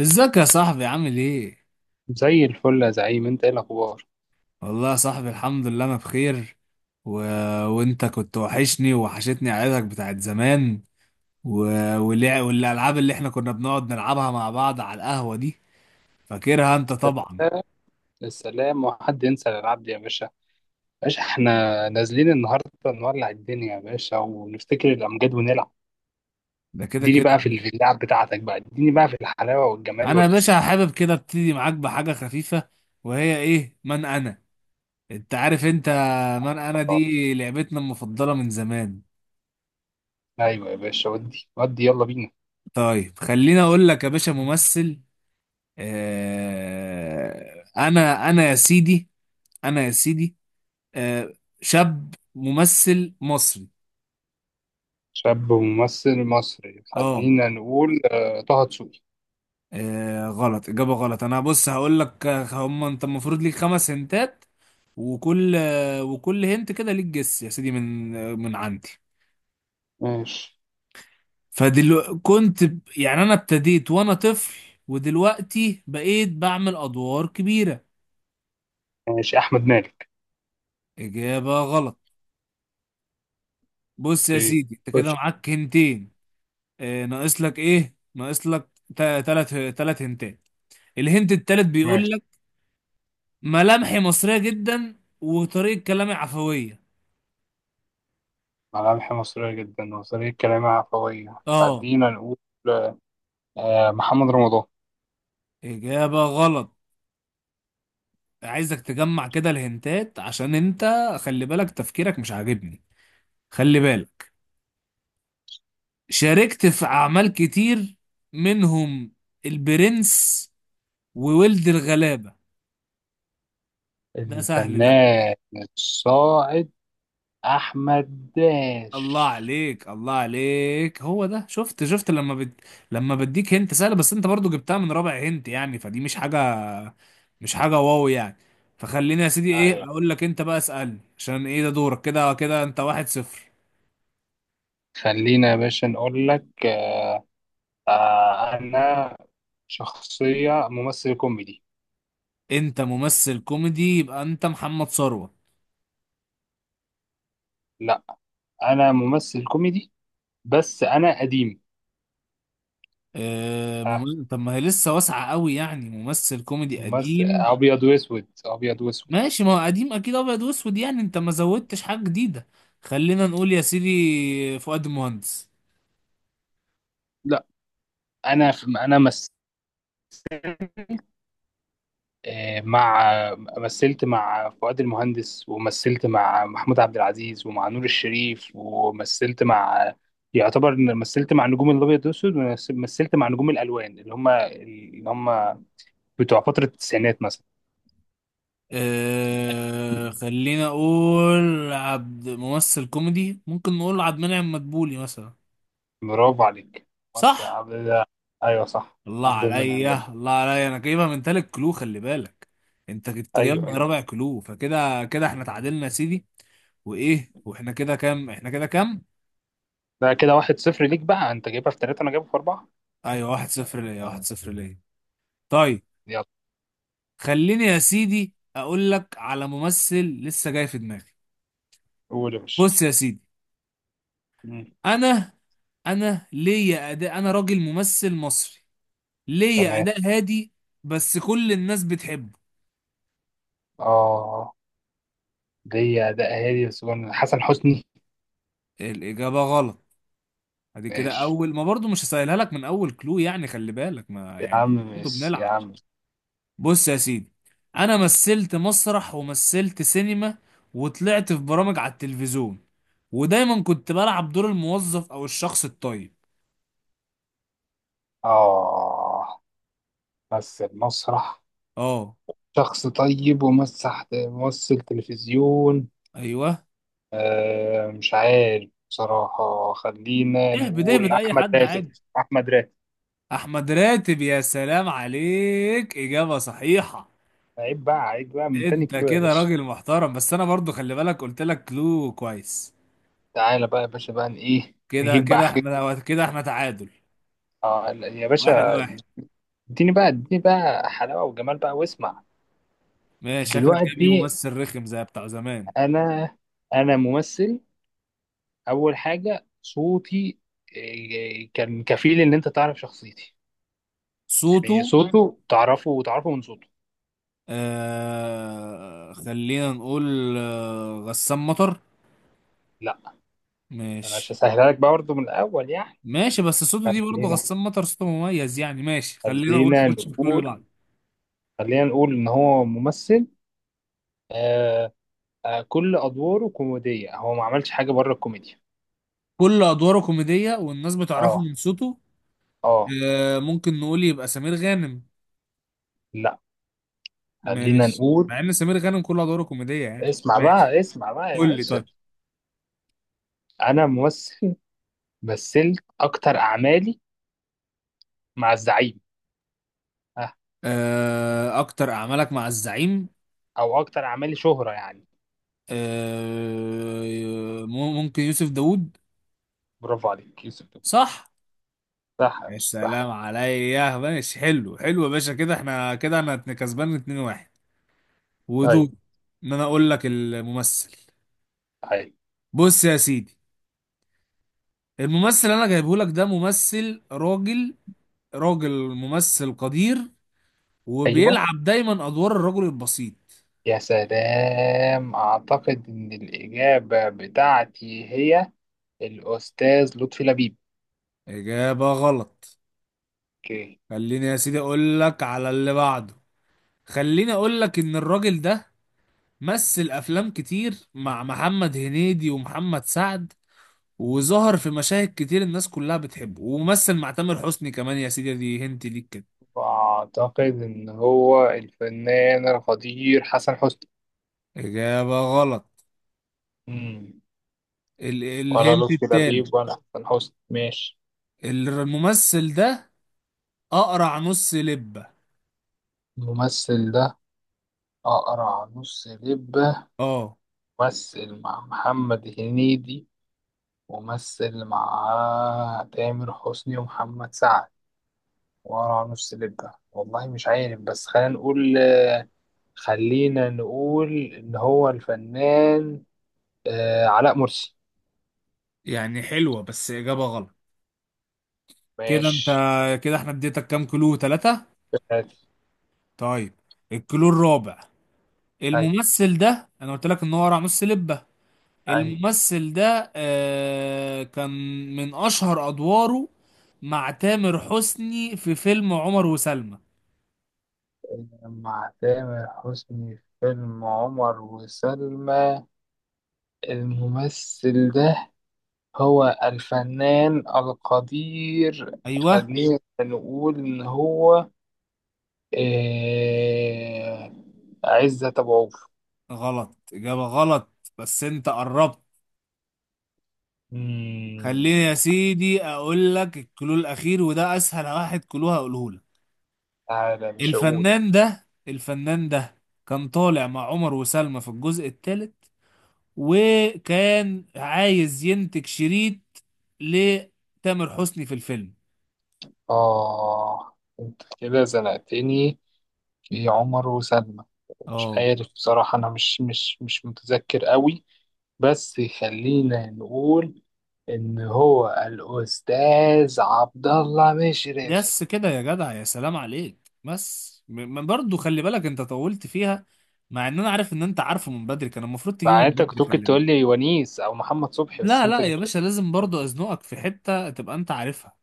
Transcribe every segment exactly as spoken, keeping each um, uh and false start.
ازيك يا صاحبي، عامل ايه؟ زي الفل يا زعيم، انت ايه الاخبار؟ والله يا صاحبي، الحمد لله انا بخير. و... وانت كنت وحشني ووحشتني عيلتك بتاعت زمان. و... واللع... والالعاب اللي احنا كنا بنقعد نلعبها مع بعض على القهوة دي، فاكرها انت طبعا. السلام. السلام وحد ينسى العبد يا باشا؟ باشا احنا نازلين النهارده نولع الدنيا يا باشا ونفتكر الامجاد ونلعب. ده كده اديني كده. بقى في في اللعب بتاعتك بقى، اديني بقى في الحلاوه والجمال انا يا والاسئله. باشا حابب كده ابتدي معاك بحاجة خفيفة، وهي ايه؟ من انا. انت عارف انت، من انا دي لعبتنا المفضلة من زمان. ايوه يا باشا، ودي ودي يلا بينا. طيب، خليني اقول لك يا باشا، ممثل. آه، انا انا يا سيدي، انا يا سيدي آه شاب ممثل مصري. شاب وممثل مصري، اه خلينا نقول آه، طه دسوقي. آه، غلط، اجابه غلط. انا، بص هقول لك، آه، هم انت المفروض ليك خمس هنتات، وكل آه، وكل هنت كده ليك جس يا سيدي من آه، من عندي. ماشي. فدلو كنت ب- يعني انا ابتديت وانا طفل، ودلوقتي بقيت بعمل ادوار كبيره. ماشي، احمد مالك. اجابه غلط. بص يا اوكي، سيدي، انت كده خش. معاك هنتين. آه، ناقص لك ايه؟ ناقص لك تا- تلات تلات هنتات. الهنت التالت ماشي. بيقول: ملامحي مصرية جدا وطريقة كلامي عفوية. ملامح مصريه جدا وطريقه كلامها عفويه، اه خلينا نقول آه، محمد رمضان. إجابة غلط. عايزك تجمع كده الهنتات، عشان انت، خلي بالك، تفكيرك مش عاجبني. خلي بالك، شاركت في أعمال كتير، منهم البرنس وولد الغلابة. ده سهل ده. الفنان الصاعد أحمد الله داش. عليك الله عليك، هو ده. شفت شفت لما بد... لما بديك هنت سهله، بس انت برضو جبتها من رابع هنت، يعني فدي مش حاجه، مش حاجه واو يعني. فخليني يا سيدي، ايه أيوة. اقول لك، انت بقى اسالني، عشان ايه ده دورك. كده كده انت واحد صفر. خلينا يا باشا نقول لك آه. آه أنا شخصية ممثل كوميدي. انت ممثل كوميدي، يبقى انت محمد ثروت. لا، أنا ممثل كوميدي بس أنا قديم. اه، آه، مم... طب ما هي لسه واسعه قوي يعني، ممثل كوميدي ممثل قديم. أبيض وأسود، أبيض وأسود. ماشي، ما هو قديم اكيد ابيض واسود يعني، انت ما زودتش حاجه جديده. خلينا نقول يا سيدي فؤاد المهندس. لا، أنا في أنا مثلت آه، مع، مثلت مع فؤاد المهندس ومثلت مع محمود عبد العزيز ومع نور الشريف ومثلت مع، يعتبر إن مثلت مع نجوم الابيض والاسود ومثلت مع نجوم الالوان اللي هم اللي هم بتوع فتره التسعينات مثلا. أه، خلينا اقول عبد، ممثل كوميدي، ممكن نقول عبد المنعم مدبولي مثلا. برافو عليك، بس صح. عبد الله. ايوه صح، الله عبد المنعم لبيب. عليا الله عليا، انا جايبها من تالت كلو، خلي بالك. انت كنت جايبها ايوه من أيوة. رابع كلو، فكده كده احنا تعادلنا يا سيدي. وايه؟ واحنا كده كام؟ احنا كده كام؟ ده كده واحد صفر ليك بقى، انت جايبها في ثلاثه انا جايبها في اربعه. ايوه، واحد صفر ليا، واحد صفر ليا. طيب، يلا. خليني يا سيدي اقول لك على ممثل لسه جاي في دماغي. قول يا باشا. بص يا سيدي، مم. انا انا ليا اداء، انا راجل ممثل مصري، ليه تمام. اداء هادي، بس كل الناس بتحبه. اه، دي ده اهالي بس. حسن حسني. الاجابه غلط. ادي كده، ماشي اول ما برضو مش هسهلها لك من اول كلو يعني، خلي بالك، ما يا يعني عم، برضو ماشي يا بنلعب. عم. بص يا سيدي، انا مثلت مسرح ومثلت سينما، وطلعت في برامج على التلفزيون، ودايما كنت بلعب دور الموظف او الشخص الطيب. آه، مثل مسرح، اه، شخص طيب ومسح ممثل تلفزيون. ايوه، آه مش عارف بصراحة، خلينا اهبد نقول اهبد، اي أحمد حد راتب. عادي. أحمد راتب. احمد راتب، يا سلام عليك، اجابه صحيحه. عيب بقى، عيب بقى من تاني انت كيلو يا كده باشا. راجل محترم، بس انا برضو خلي بالك، قلت لك كلو كويس. تعالى بقى يا باشا بقى ن- إيه، كده نجيب بقى كده حاجة. احنا، كده احنا تعادل آه لا، يا واحد باشا، واحد اديني بقى، اديني بقى حلاوة وجمال بقى واسمع. ماشي، شكلك جايب لي دلوقتي ممثل رخم زي بتاع زمان. أنا أنا ممثل. اول حاجه صوتي إيه، كان كفيل ان انت تعرف شخصيتي. صوته. يعني صوته تعرفه، وتعرفه من صوته. آه خلينا نقول آه غسان مطر. لا، انا مش ماشي. هسهلها لك بقى برضه من الاول يعني. ماشي، بس صوته دي برضه خلينا غسان مطر صوته مميز يعني، ماشي، خلينا نقول في خلينا كل كل اللي نقول بعده. خلينا نقول ان هو ممثل، آه. آه، كل ادواره كوميديه، هو ما عملش حاجه بره الكوميديا. كل ادواره كوميدية والناس بتعرفه اه، من صوته. اه. آه ممكن نقول يبقى سمير غانم. لا. خلينا ماشي، نقول، مع ان سمير غانم كل ادواره كوميديه يعني. اسمع ماشي، بقى، اسمع بقى يا قول لي باشا. طيب. انا ممثل، مثلت اكتر اعمالي مع الزعيم. آه. آه اكتر اعمالك مع الزعيم. او اكتر اعمالي شهرة يعني. آه مم- ممكن يوسف داوود. برافو عليك يوسف. صح. صح يا مش صح. سلام عليا، ماشي، حلو حلو يا باشا، كده احنا كده انا اتن- كسبان اتنين واحد، ودور طيب. ان انا اقول لك الممثل. طيب. بص يا سيدي، الممثل اللي انا جايبه لك ده ممثل راجل، راجل ممثل قدير، ايوه. وبيلعب دايما ادوار الرجل البسيط. يا سلام، اعتقد ان الاجابه بتاعتي هي الاستاذ لطفي لبيب. اجابة غلط. اوكي. خليني يا سيدي اقول لك على اللي بعده. خليني اقول لك ان الراجل ده مثل افلام كتير مع محمد هنيدي ومحمد سعد، وظهر في مشاهد كتير الناس كلها بتحبه، ومثل مع تامر حسني كمان يا سيدي، دي هنت ليك كده. واعتقد ان هو الفنان القدير حسن حسني. اجابة غلط. امم ال ولا الهنت لطفي التالت: لبيب ولا حسن حسني. ماشي. الممثل ده اقرع نص لبة. الممثل ده اقرع نص لبه، اه. ممثل مع محمد هنيدي ومثل مع تامر حسني ومحمد سعد. ورا نص لبة والله مش عارف، بس خلينا نقول، خلينا نقول إن هو الفنان آه علاء مرسي. يعني حلوة، بس اجابة غلط. كده انت، ماشي. كده احنا اديتك كام كلو؟ ثلاثة. طيب، الكلو الرابع. أي. الممثل ده، انا قلت لك ان هو راموس سلبة. أي، الممثل ده آه كان من اشهر ادواره مع تامر حسني في فيلم عمر وسلمى. مع تامر حسني في فيلم عمر وسلمى. الممثل ده هو الفنان القدير، ايوه. خلينا نقول إن هو آه عزت أبو عوف. غلط، اجابة غلط، بس انت قربت. خليني يا مم، سيدي اقول لك الكلو الاخير، وده اسهل واحد كلو هقوله لك. تعالى مش هقول. الفنان ده، الفنان ده كان طالع مع عمر وسلمى في الجزء الثالث، وكان عايز ينتج شريط لتامر حسني في الفيلم. آه أنت كده زنقتني في عمر وسلمى. مش اه، عارف بصراحة، أنا مش مش مش متذكر قوي، بس خلينا نقول إن هو الأستاذ عبد الله مشرف. يس كده يا جدع، يا سلام عليك، بس م- برضه خلي بالك، انت طولت فيها، مع ان انا عارف ان انت عارفه من بدري، كان المفروض مع تجيبه إن من أنت بدري، كنت ممكن خلي تقول بالك. لي ونيس أو محمد صبحي، بس لا أنت لا يا جبت باشا، لازم برضه ازنقك في حتة تبقى انت عارفها.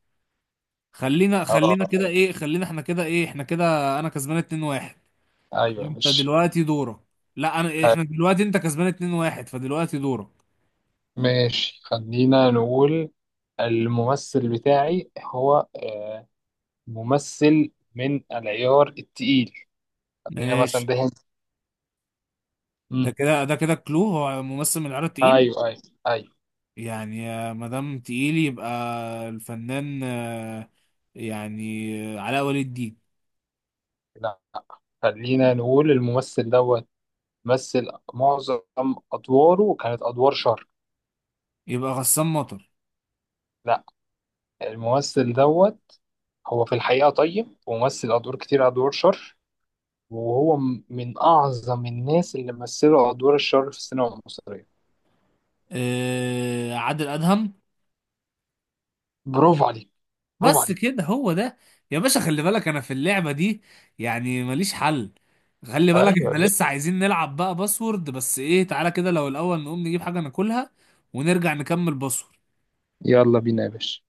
خلينا خلينا كده آه. ايه، خلينا احنا كده ايه احنا كده انا كسبان اتنين واحد. أيوه انت مش. دلوقتي دورك. لا، انا طيب، احنا دلوقتي، انت كسبان اتنين واحد، فدلوقتي دورك. ماشي، خلينا نقول الممثل بتاعي هو آه، ممثل من العيار التقيل. خلينا مثلا ماشي. ده هند. ده امم كده ده كده كلو، هو ممثل من العيار التقيل. ايوه ايوه ايوه. يعني ما دام تقيل، يبقى الفنان، آه، يعني آه، علاء ولي الدين. لا، خلينا نقول الممثل دوت مثل معظم ادواره كانت ادوار شر. يبقى غسان مطر. لا، الممثل دوت هو في الحقيقه طيب، ومثل ادوار كتير ادوار شر، وهو م- من اعظم الناس اللي مثلوا ادوار الشر في السينما المصريه. آه، عادل أدهم. برافو عليك، برافو بس عليك. كده هو ده. يا باشا، خلي بالك انا في اللعبة دي يعني ماليش حل. خلي بالك، ايوه يا احنا باشا. لسه عايزين نلعب بقى باسورد، بس ايه، تعالى كده لو الاول نقوم نجيب حاجة ناكلها ونرجع نكمل باسورد. يلا بينا يا باشا.